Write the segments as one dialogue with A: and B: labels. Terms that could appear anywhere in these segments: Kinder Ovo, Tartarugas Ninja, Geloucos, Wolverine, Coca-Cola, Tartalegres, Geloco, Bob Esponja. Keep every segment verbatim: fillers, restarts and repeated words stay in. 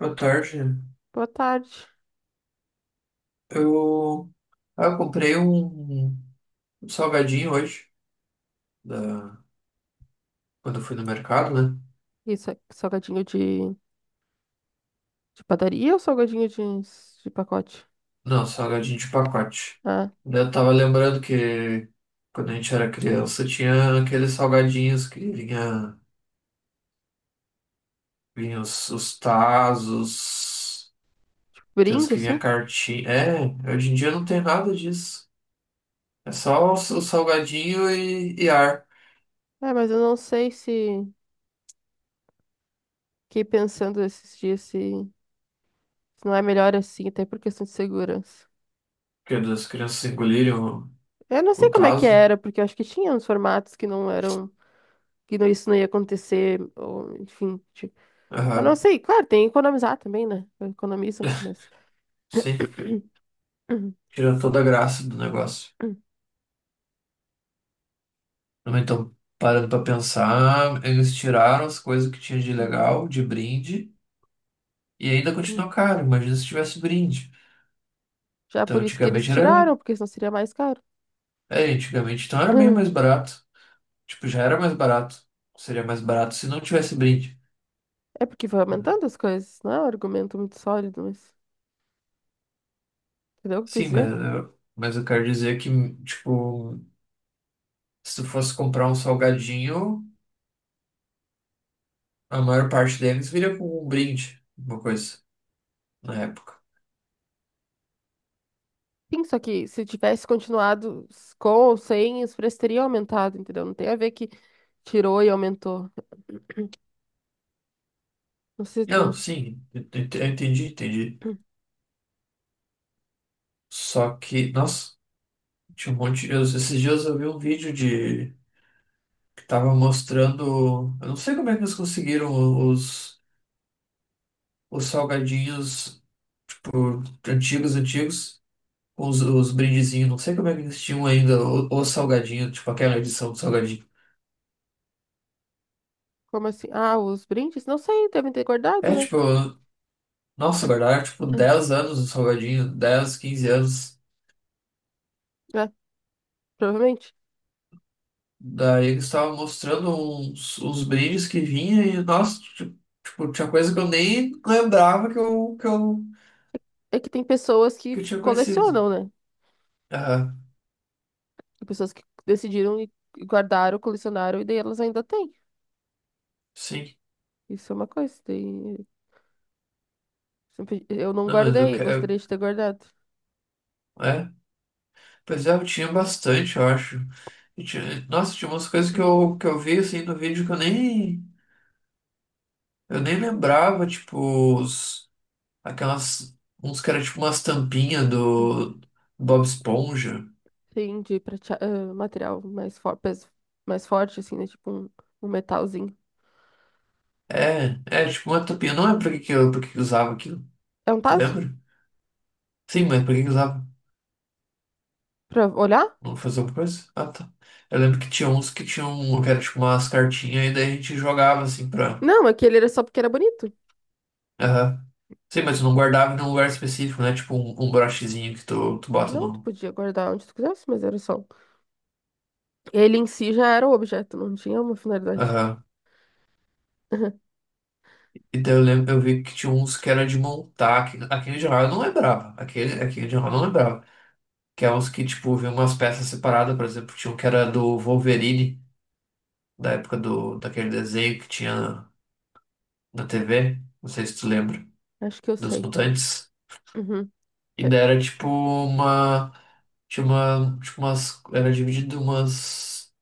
A: Boa tarde.
B: Boa tarde.
A: Eu, ah, eu comprei um, um salgadinho hoje, da, quando eu fui no mercado, né?
B: Isso, é salgadinho de, de padaria ou salgadinho de, de pacote?
A: Não, salgadinho de pacote.
B: Ah,
A: Daí Eu tava lembrando que quando a gente era criança tinha aqueles salgadinhos que vinha, vinha os, os Tazos, tem os
B: brinde,
A: que vinha
B: assim?
A: cartinha. É, hoje em dia não tem nada disso. É só o, s- o salgadinho e, e ar,
B: É, mas eu não sei se... Fiquei pensando esses dias se, se não é melhor assim, até por questão de segurança.
A: porque as crianças engolirem o,
B: Eu não sei
A: o
B: como é que
A: Tazo.
B: era, porque eu acho que tinha uns formatos que não eram... Que não, isso não ia acontecer, ou, enfim. Tipo, eu não
A: Aham,
B: sei. Claro, tem que economizar também, né? Economizam, mas...
A: sim. Tirou toda a graça do negócio. Mas Então, parando pra pensar, eles tiraram as coisas que tinha de legal, de brinde, e ainda continuou caro. Imagina se tivesse brinde.
B: Já
A: Então,
B: por isso que eles
A: antigamente era.
B: tiraram, porque senão seria mais caro.
A: É, antigamente então era bem mais barato. Tipo, já era mais barato. Seria mais barato se não tivesse brinde.
B: É porque vai aumentando as coisas, não é um argumento muito sólido, mas entendeu o que eu quis
A: Sim, mas,
B: dizer?
A: eu- mas eu quero dizer que, tipo, se tu fosse comprar um salgadinho, a maior parte deles viria com um brinde, uma coisa, na época.
B: Sim, só que se tivesse continuado s- com ou sem, os preços teriam aumentado, entendeu? Não tem a ver que tirou e aumentou. Não sei,
A: Não,
B: não-
A: sim, eu eu eu entendi, entendi. Só que, nossa, tinha um monte de. Esses dias eu vi um vídeo de. Que tava mostrando. Eu não sei como é que eles conseguiram os, os salgadinhos antigos, antigos, com os, os brindezinhos. Não sei como é que eles tinham ainda o- os salgadinhos, tipo aquela edição do salgadinho.
B: Como assim? Ah, os brindes? Não sei, devem ter guardado,
A: É
B: né?
A: tipo, nossa, guardaram tipo dez anos o salgadinho, dez quinze anos.
B: É, provavelmente.
A: Daí eles estavam mostrando uns, uns brindes que vinha e, nossa, ti- tipo, tinha coisa que eu nem lembrava que eu, que eu
B: É que tem pessoas que
A: que eu
B: f-
A: tinha conhecido.
B: colecionam, né?
A: Ah,
B: Tem pessoas que decidiram e e guardaram, colecionaram, e daí elas ainda têm.
A: sim.
B: Isso é uma coisa. Daí... sempre- Eu não
A: Não, mas eu
B: guardei, eu
A: quero.
B: gostaria de ter guardado.
A: É. Pois é, eu tinha bastante, eu acho. E tinha- Nossa, tinha umas coisas que eu, que eu vi assim no vídeo que eu nem. Eu nem lembrava, tipo, os, aquelas. Uns que eram tipo umas tampinhas do Bob Esponja.
B: Sim, de pratea- ah, material mais, for... pes- mais forte, assim, né? Tipo um, um metalzinho.
A: É, é, tipo uma tampinha. Não é pra que que eu, pra que que eu usava aquilo.
B: É um
A: Tu
B: tazo?
A: lembra? Sim, mas pra que que eu usava?
B: Pra olhar?
A: Não fazer alguma coisa? Ah, tá. Eu lembro que tinha uns que tinham. Que era tipo umas cartinhas e daí a gente jogava assim pra.
B: Não, aquele era só porque era bonito.
A: Aham. Sim, mas tu não guardava num lugar específico, né? Tipo um, um brochezinho que tu, tu bota
B: Não, tu
A: no.
B: podia guardar onde tu quisesse, mas era só. Ele em si já era o objeto, não tinha uma finalidade.
A: Aham. E daí eu lembro, eu vi que tinha uns que era de montar. que- Aquele de Hall eu não lembrava. Aquele, aquele de Hall eu não lembrava. Que é uns que, tipo, vinham umas peças separadas, por exemplo, tinha um que era do Wolverine, da época do, daquele desenho que tinha na T V. Não sei se tu lembra,
B: Acho que eu
A: dos
B: sei.
A: mutantes.
B: Uhum.
A: E
B: É,
A: daí era tipo uma. Tinha uma. Tipo umas. Era dividido em umas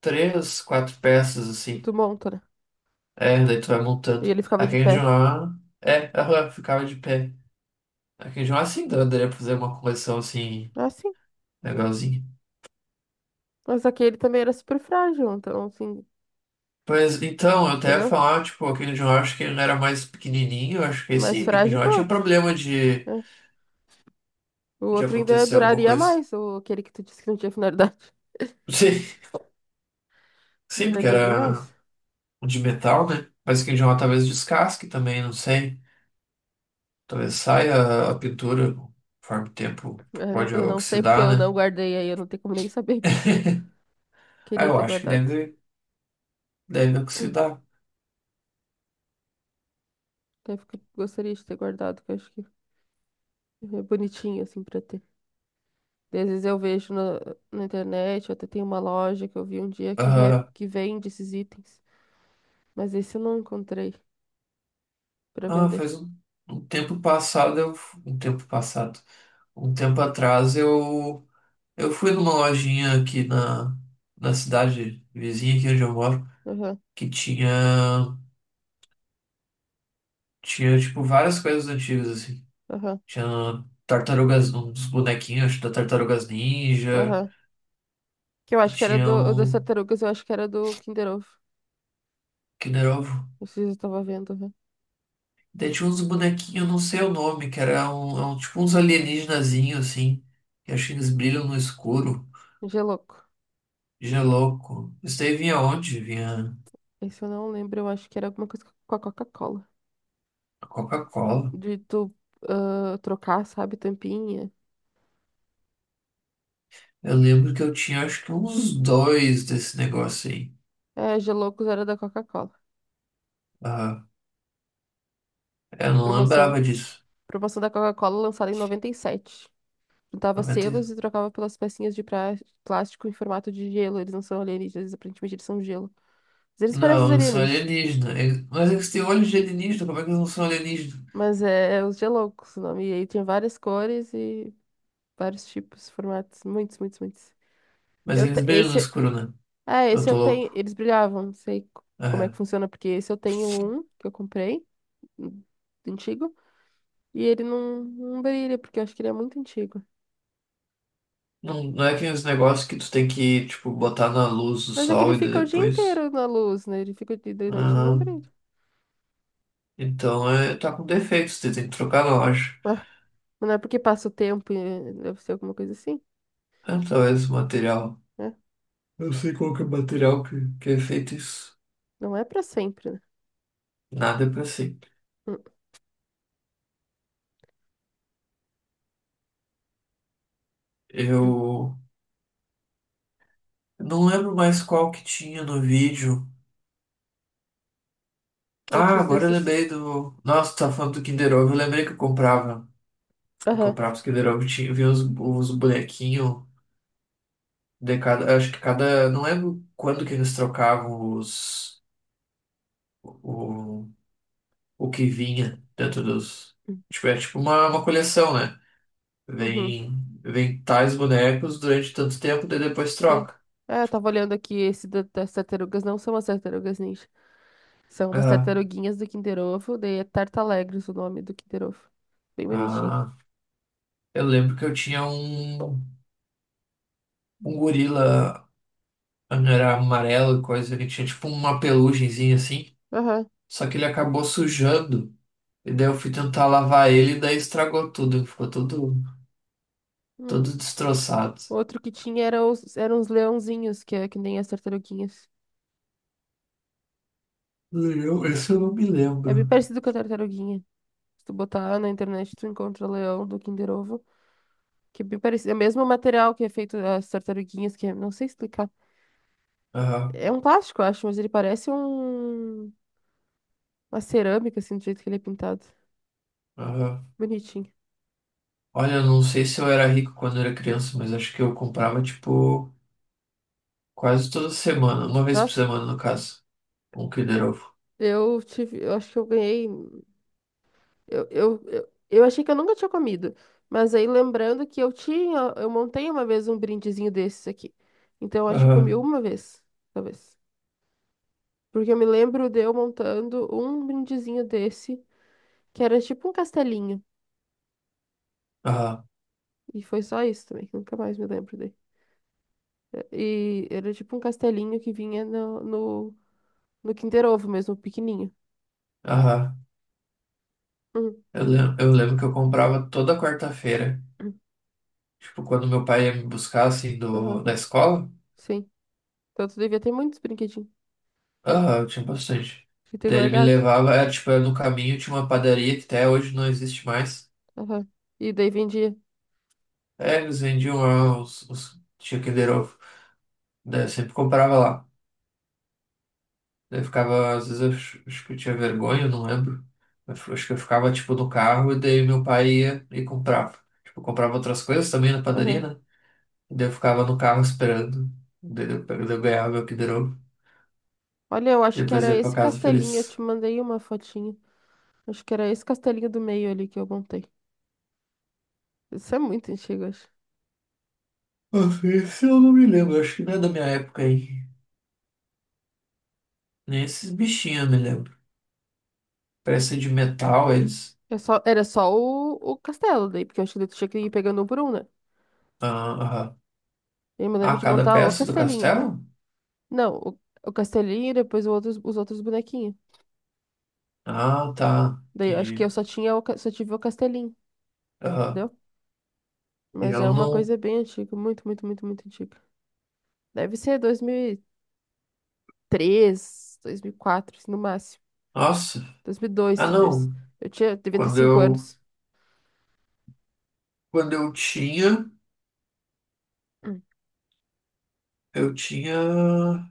A: três, quatro peças,
B: e
A: assim.
B: tu monta, né?
A: É, daí tu vai
B: E
A: montando.
B: ele ficava
A: A
B: de pé.
A: Kenjo-A, é, ela ficava de pé. A Kenjo-A sim, daria pra fazer uma coleção assim,
B: Ah, sim.
A: legalzinha.
B: Mas aquele também era super frágil, então, assim,
A: Pois então, eu até ia
B: entendeu?
A: falar, tipo, a Kenjo-A acho que ele era mais pequenininho, eu acho que
B: Mais
A: esse, a
B: frágil que
A: Kenjo-A
B: o
A: tinha
B: outro,
A: problema de,
B: né? O
A: de
B: outro ainda
A: acontecer alguma
B: duraria
A: coisa.
B: mais, ou aquele que tu disse que não tinha finalidade.
A: Sim, sim, porque
B: Duraria bem
A: era
B: mais.
A: de metal, né? Mas a Kenjo-A talvez descasque também, não sei. Talvez saia a pintura, conforme o tempo
B: Eu não,
A: pode
B: eu não sei porque
A: oxidar,
B: eu
A: né?
B: não guardei aí, eu não tenho como nem saber porque eu
A: Ah,
B: queria
A: eu
B: ter
A: acho que
B: guardado.
A: deve. Deve oxidar.
B: Até porque gostaria de ter guardado, que eu acho que é bonitinho assim pra ter. Às vezes eu vejo na, na internet, até tem uma loja que eu vi um dia que, ve-
A: Ah,
B: que vende esses itens, mas esse eu não encontrei pra
A: ah,
B: vender.
A: faz um, um tempo passado, eu, um tempo passado, um tempo atrás eu, eu fui numa lojinha aqui na, na cidade vizinha aqui onde eu moro,
B: Aham,
A: que tinha, tinha tipo várias coisas antigas assim.
B: aham,
A: Tinha tartarugas, uns bonequinhos acho, da Tartarugas Ninja.
B: aham. Que eu
A: E
B: acho que era
A: tinha
B: do, o das
A: um
B: tartarugas, eu acho que era do Kinder Ovo.
A: Kinder Ovo.
B: Não sei se eu tava vendo, aham.
A: Daí tinha uns bonequinhos, eu não sei o nome, que era um, é um- tipo uns alienígenazinhos, assim. Que acho que eles brilham no escuro.
B: Gelouco.
A: Geloco. Isso daí vinha onde? Vinha
B: Esse eu não lembro, eu acho que era alguma coisa com a Coca-Cola.
A: a Coca-Cola.
B: De tu ah, trocar, sabe, tampinha.
A: Eu lembro que eu tinha acho que uns dois desse negócio aí.
B: É, Geloucos era da Coca-Cola.
A: Ah, eu não
B: Promoção.
A: lembrava disso.
B: Promoção da Coca-Cola lançada em noventa e sete. Juntava
A: noventa e-
B: selos e trocava pelas pecinhas de pra- plástico em formato de gelo. Eles não são alienígenas, aparentemente eles são gelo. Mas eles parecem os
A: Não, eles são
B: alienígenas,
A: alienígenas. Mas eles têm olhos de alienígena, como é que eles não são alienígenas?
B: mas é, é os Geloucos o nome. E aí tinha várias cores e vários tipos, formatos. Muitos, muitos, muitos.
A: Mas
B: Eu
A: eles
B: te-
A: brilham no
B: Esse...
A: escuro, né?
B: Ah,
A: Eu
B: esse eu
A: tô
B: tenho.
A: louco.
B: Eles brilhavam, não sei co- como é que
A: É.
B: funciona, porque esse eu tenho um que eu comprei, um antigo. E ele não, não brilha, porque eu acho que ele é muito antigo.
A: Não, não é aqueles negócios que tu tem que, tipo, botar na luz do
B: Mas é que
A: sol
B: ele
A: e daí
B: fica o dia
A: depois.
B: inteiro na luz, né? Ele fica de de noite e não
A: Ah,
B: brilha.
A: então é, tá com defeito, você tem que trocar na loja.
B: Ah, mas não é porque passa o tempo e eh, deve ser alguma coisa assim,
A: Ah, talvez o material.
B: né?
A: Eu sei qual que é o material que, que é feito isso.
B: Não é pra sempre, né?
A: Nada é pra sempre.
B: Hum,
A: Eu não lembro mais qual que tinha no vídeo. Ah,
B: outros
A: agora eu
B: desses.
A: lembrei do. Nossa, tá falando do Kinder Ovo. Eu lembrei que eu comprava. Eu
B: Aham.
A: comprava os Kinder Ovo, tinha, vinha uns, uns bonequinhos de cada. Acho que cada. Não lembro quando que eles trocavam os. o, o que vinha dentro dos. Tipo, é tipo uma, uma coleção, né?
B: Uhum,
A: Vem, vem tais bonecos durante tanto tempo, daí depois
B: sim.
A: troca.
B: É, eu tava olhando aqui esse da- das tartarugas, não são as tartarugas ninja. São umas
A: Aham.
B: tartaruguinhas do Kinder Ovo, daí é Tartalegres o nome do Kinder Ovo. Bem bonitinho.
A: Ah, eu lembro que eu tinha um, um gorila, era amarelo e coisa, ele tinha tipo uma pelugenzinha assim,
B: Aham.
A: só que ele acabou sujando. E daí eu fui tentar lavar ele e daí estragou tudo, ficou todo,
B: Hum.
A: todo destroçado.
B: Outro que tinha era os, eram os leãozinhos, que é que nem as tartaruguinhas.
A: Eu, esse eu não me
B: É bem
A: lembro.
B: parecido com a tartaruguinha. Se tu botar na internet, tu encontra o leão do Kinder Ovo, que é bem parecido. É o mesmo material que é feito as tartaruguinhas, que é, não sei explicar.
A: Aham,
B: É um plástico, eu acho, mas ele parece um, uma cerâmica, assim, do jeito que ele é pintado.
A: aham.
B: Bonitinho.
A: Olha, eu não sei se eu era rico quando eu era criança, mas acho que eu comprava, tipo, quase toda semana, uma vez por
B: Nossa,
A: semana, no caso, um Kinder Ovo.
B: eu tive, eu acho que eu ganhei. Eu, eu, eu, eu achei que eu nunca tinha comido. Mas aí lembrando que eu tinha, eu montei uma vez um brindezinho desses aqui. Então eu acho que eu comi
A: Aham,
B: uma vez, talvez. Porque eu me lembro de eu montando um brindezinho desse, que era tipo um castelinho.
A: aham,
B: E foi só isso também, que eu nunca mais me lembro dele. É, e era tipo um castelinho que vinha no, no, no Kinder Ovo mesmo, pequenininho.
A: aham.
B: Uhum.
A: Eu lembro, eu lembro que eu comprava toda quarta-feira,
B: Uhum.
A: tipo, quando meu pai ia me buscar, assim,
B: Aham,
A: do, da escola.
B: sim. Então tu devia ter muitos brinquedinhos.
A: Aham, eu tinha bastante.
B: Devia ter
A: Daí ele me
B: guardado.
A: levava, era, tipo, era no caminho, tinha uma padaria que até hoje não existe mais.
B: Aham. E daí vendia.
A: É, eles vendiam lá os, os, tinha Kinder Ovo. Daí eu sempre comprava lá. Daí Eu ficava, às vezes eu acho acho que eu tinha vergonha, eu não lembro. Eu f- acho que eu ficava, tipo, no carro e daí meu pai ia e comprava. Tipo, eu comprava outras coisas também na padaria,
B: Aham.
A: né? E daí eu ficava no carro esperando. Daí eu, pe- daí eu ganhava meu Kinder Ovo.
B: Olha, eu acho que
A: Depois
B: era
A: eu ia pra
B: esse
A: casa
B: castelinho, eu te
A: feliz.
B: mandei uma fotinha. Acho que era esse castelinho do meio ali que eu montei. Isso é muito antigo, acho.
A: Nossa, esse eu não me lembro, acho que não é da minha época aí. Nem esses bichinhos eu me lembro. Peça de metal, eles.
B: É só- era só o, o castelo daí, porque eu acho que daí tu tinha que ir pegando um por um, né?
A: Ah, aham.
B: Eu me lembro
A: Ah,
B: de
A: cada
B: montar o
A: peça do
B: castelinho.
A: castelo?
B: Não, o, o castelinho e depois o outros, os outros bonequinhos.
A: Ah, tá.
B: Daí eu acho que
A: Entendi.
B: eu só tinha o, ca- só tive o castelinho,
A: Aham.
B: entendeu? Mas
A: Eu
B: é uma
A: não.
B: coisa bem antiga, muito, muito, muito, muito antiga. Deve ser dois mil e três, dois mil e quatro, assim, no máximo.
A: Nossa.
B: Dois mil e dois
A: Ah,
B: talvez.
A: não.
B: Eu tinha, devia ter
A: Quando
B: cinco
A: eu
B: anos.
A: Quando eu tinha, eu tinha,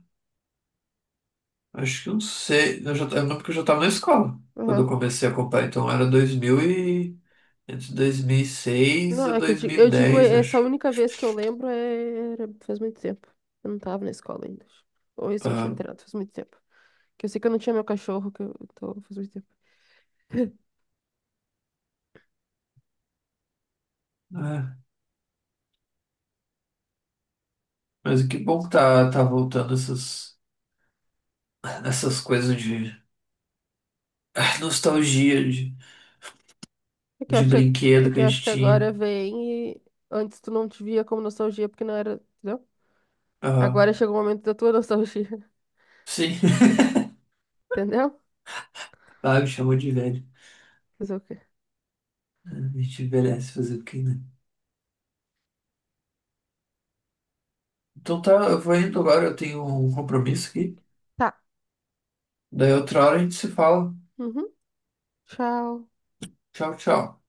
A: acho que uns seis, eu já, eu lembro que eu já estava na escola quando eu
B: Hum.
A: comecei a comprar, então era dois mil e, entre dois mil e seis
B: Não,
A: a
B: é que eu digo, eu digo,
A: dois mil e dez,
B: essa
A: acho.
B: única vez que eu lembro é... era- faz muito tempo. Eu não tava na escola ainda. Ou recente tinha
A: Tá.
B: entrado, faz muito tempo. Que eu sei que eu não tinha meu cachorro, que eu tô faz muito tempo.
A: É. Mas que bom que tá, tá voltando essas, essas coisas de ah, nostalgia, de,
B: É que eu
A: de
B: acho que, é
A: brinquedo
B: que
A: que
B: eu
A: a
B: acho
A: gente
B: que
A: tinha.
B: agora vem e antes tu não te via como nostalgia, porque não era, entendeu?
A: Ah,
B: Agora chegou o momento da tua nostalgia,
A: sim,
B: entendeu?
A: ah, me chamou de velho.
B: Fazer o quê?
A: A gente envelhece fazer o quê, né? Então tá, eu vou indo agora, eu tenho um compromisso aqui.
B: Tá.
A: Daí outra hora a gente se fala.
B: Uhum. Tchau.
A: Tchau, tchau.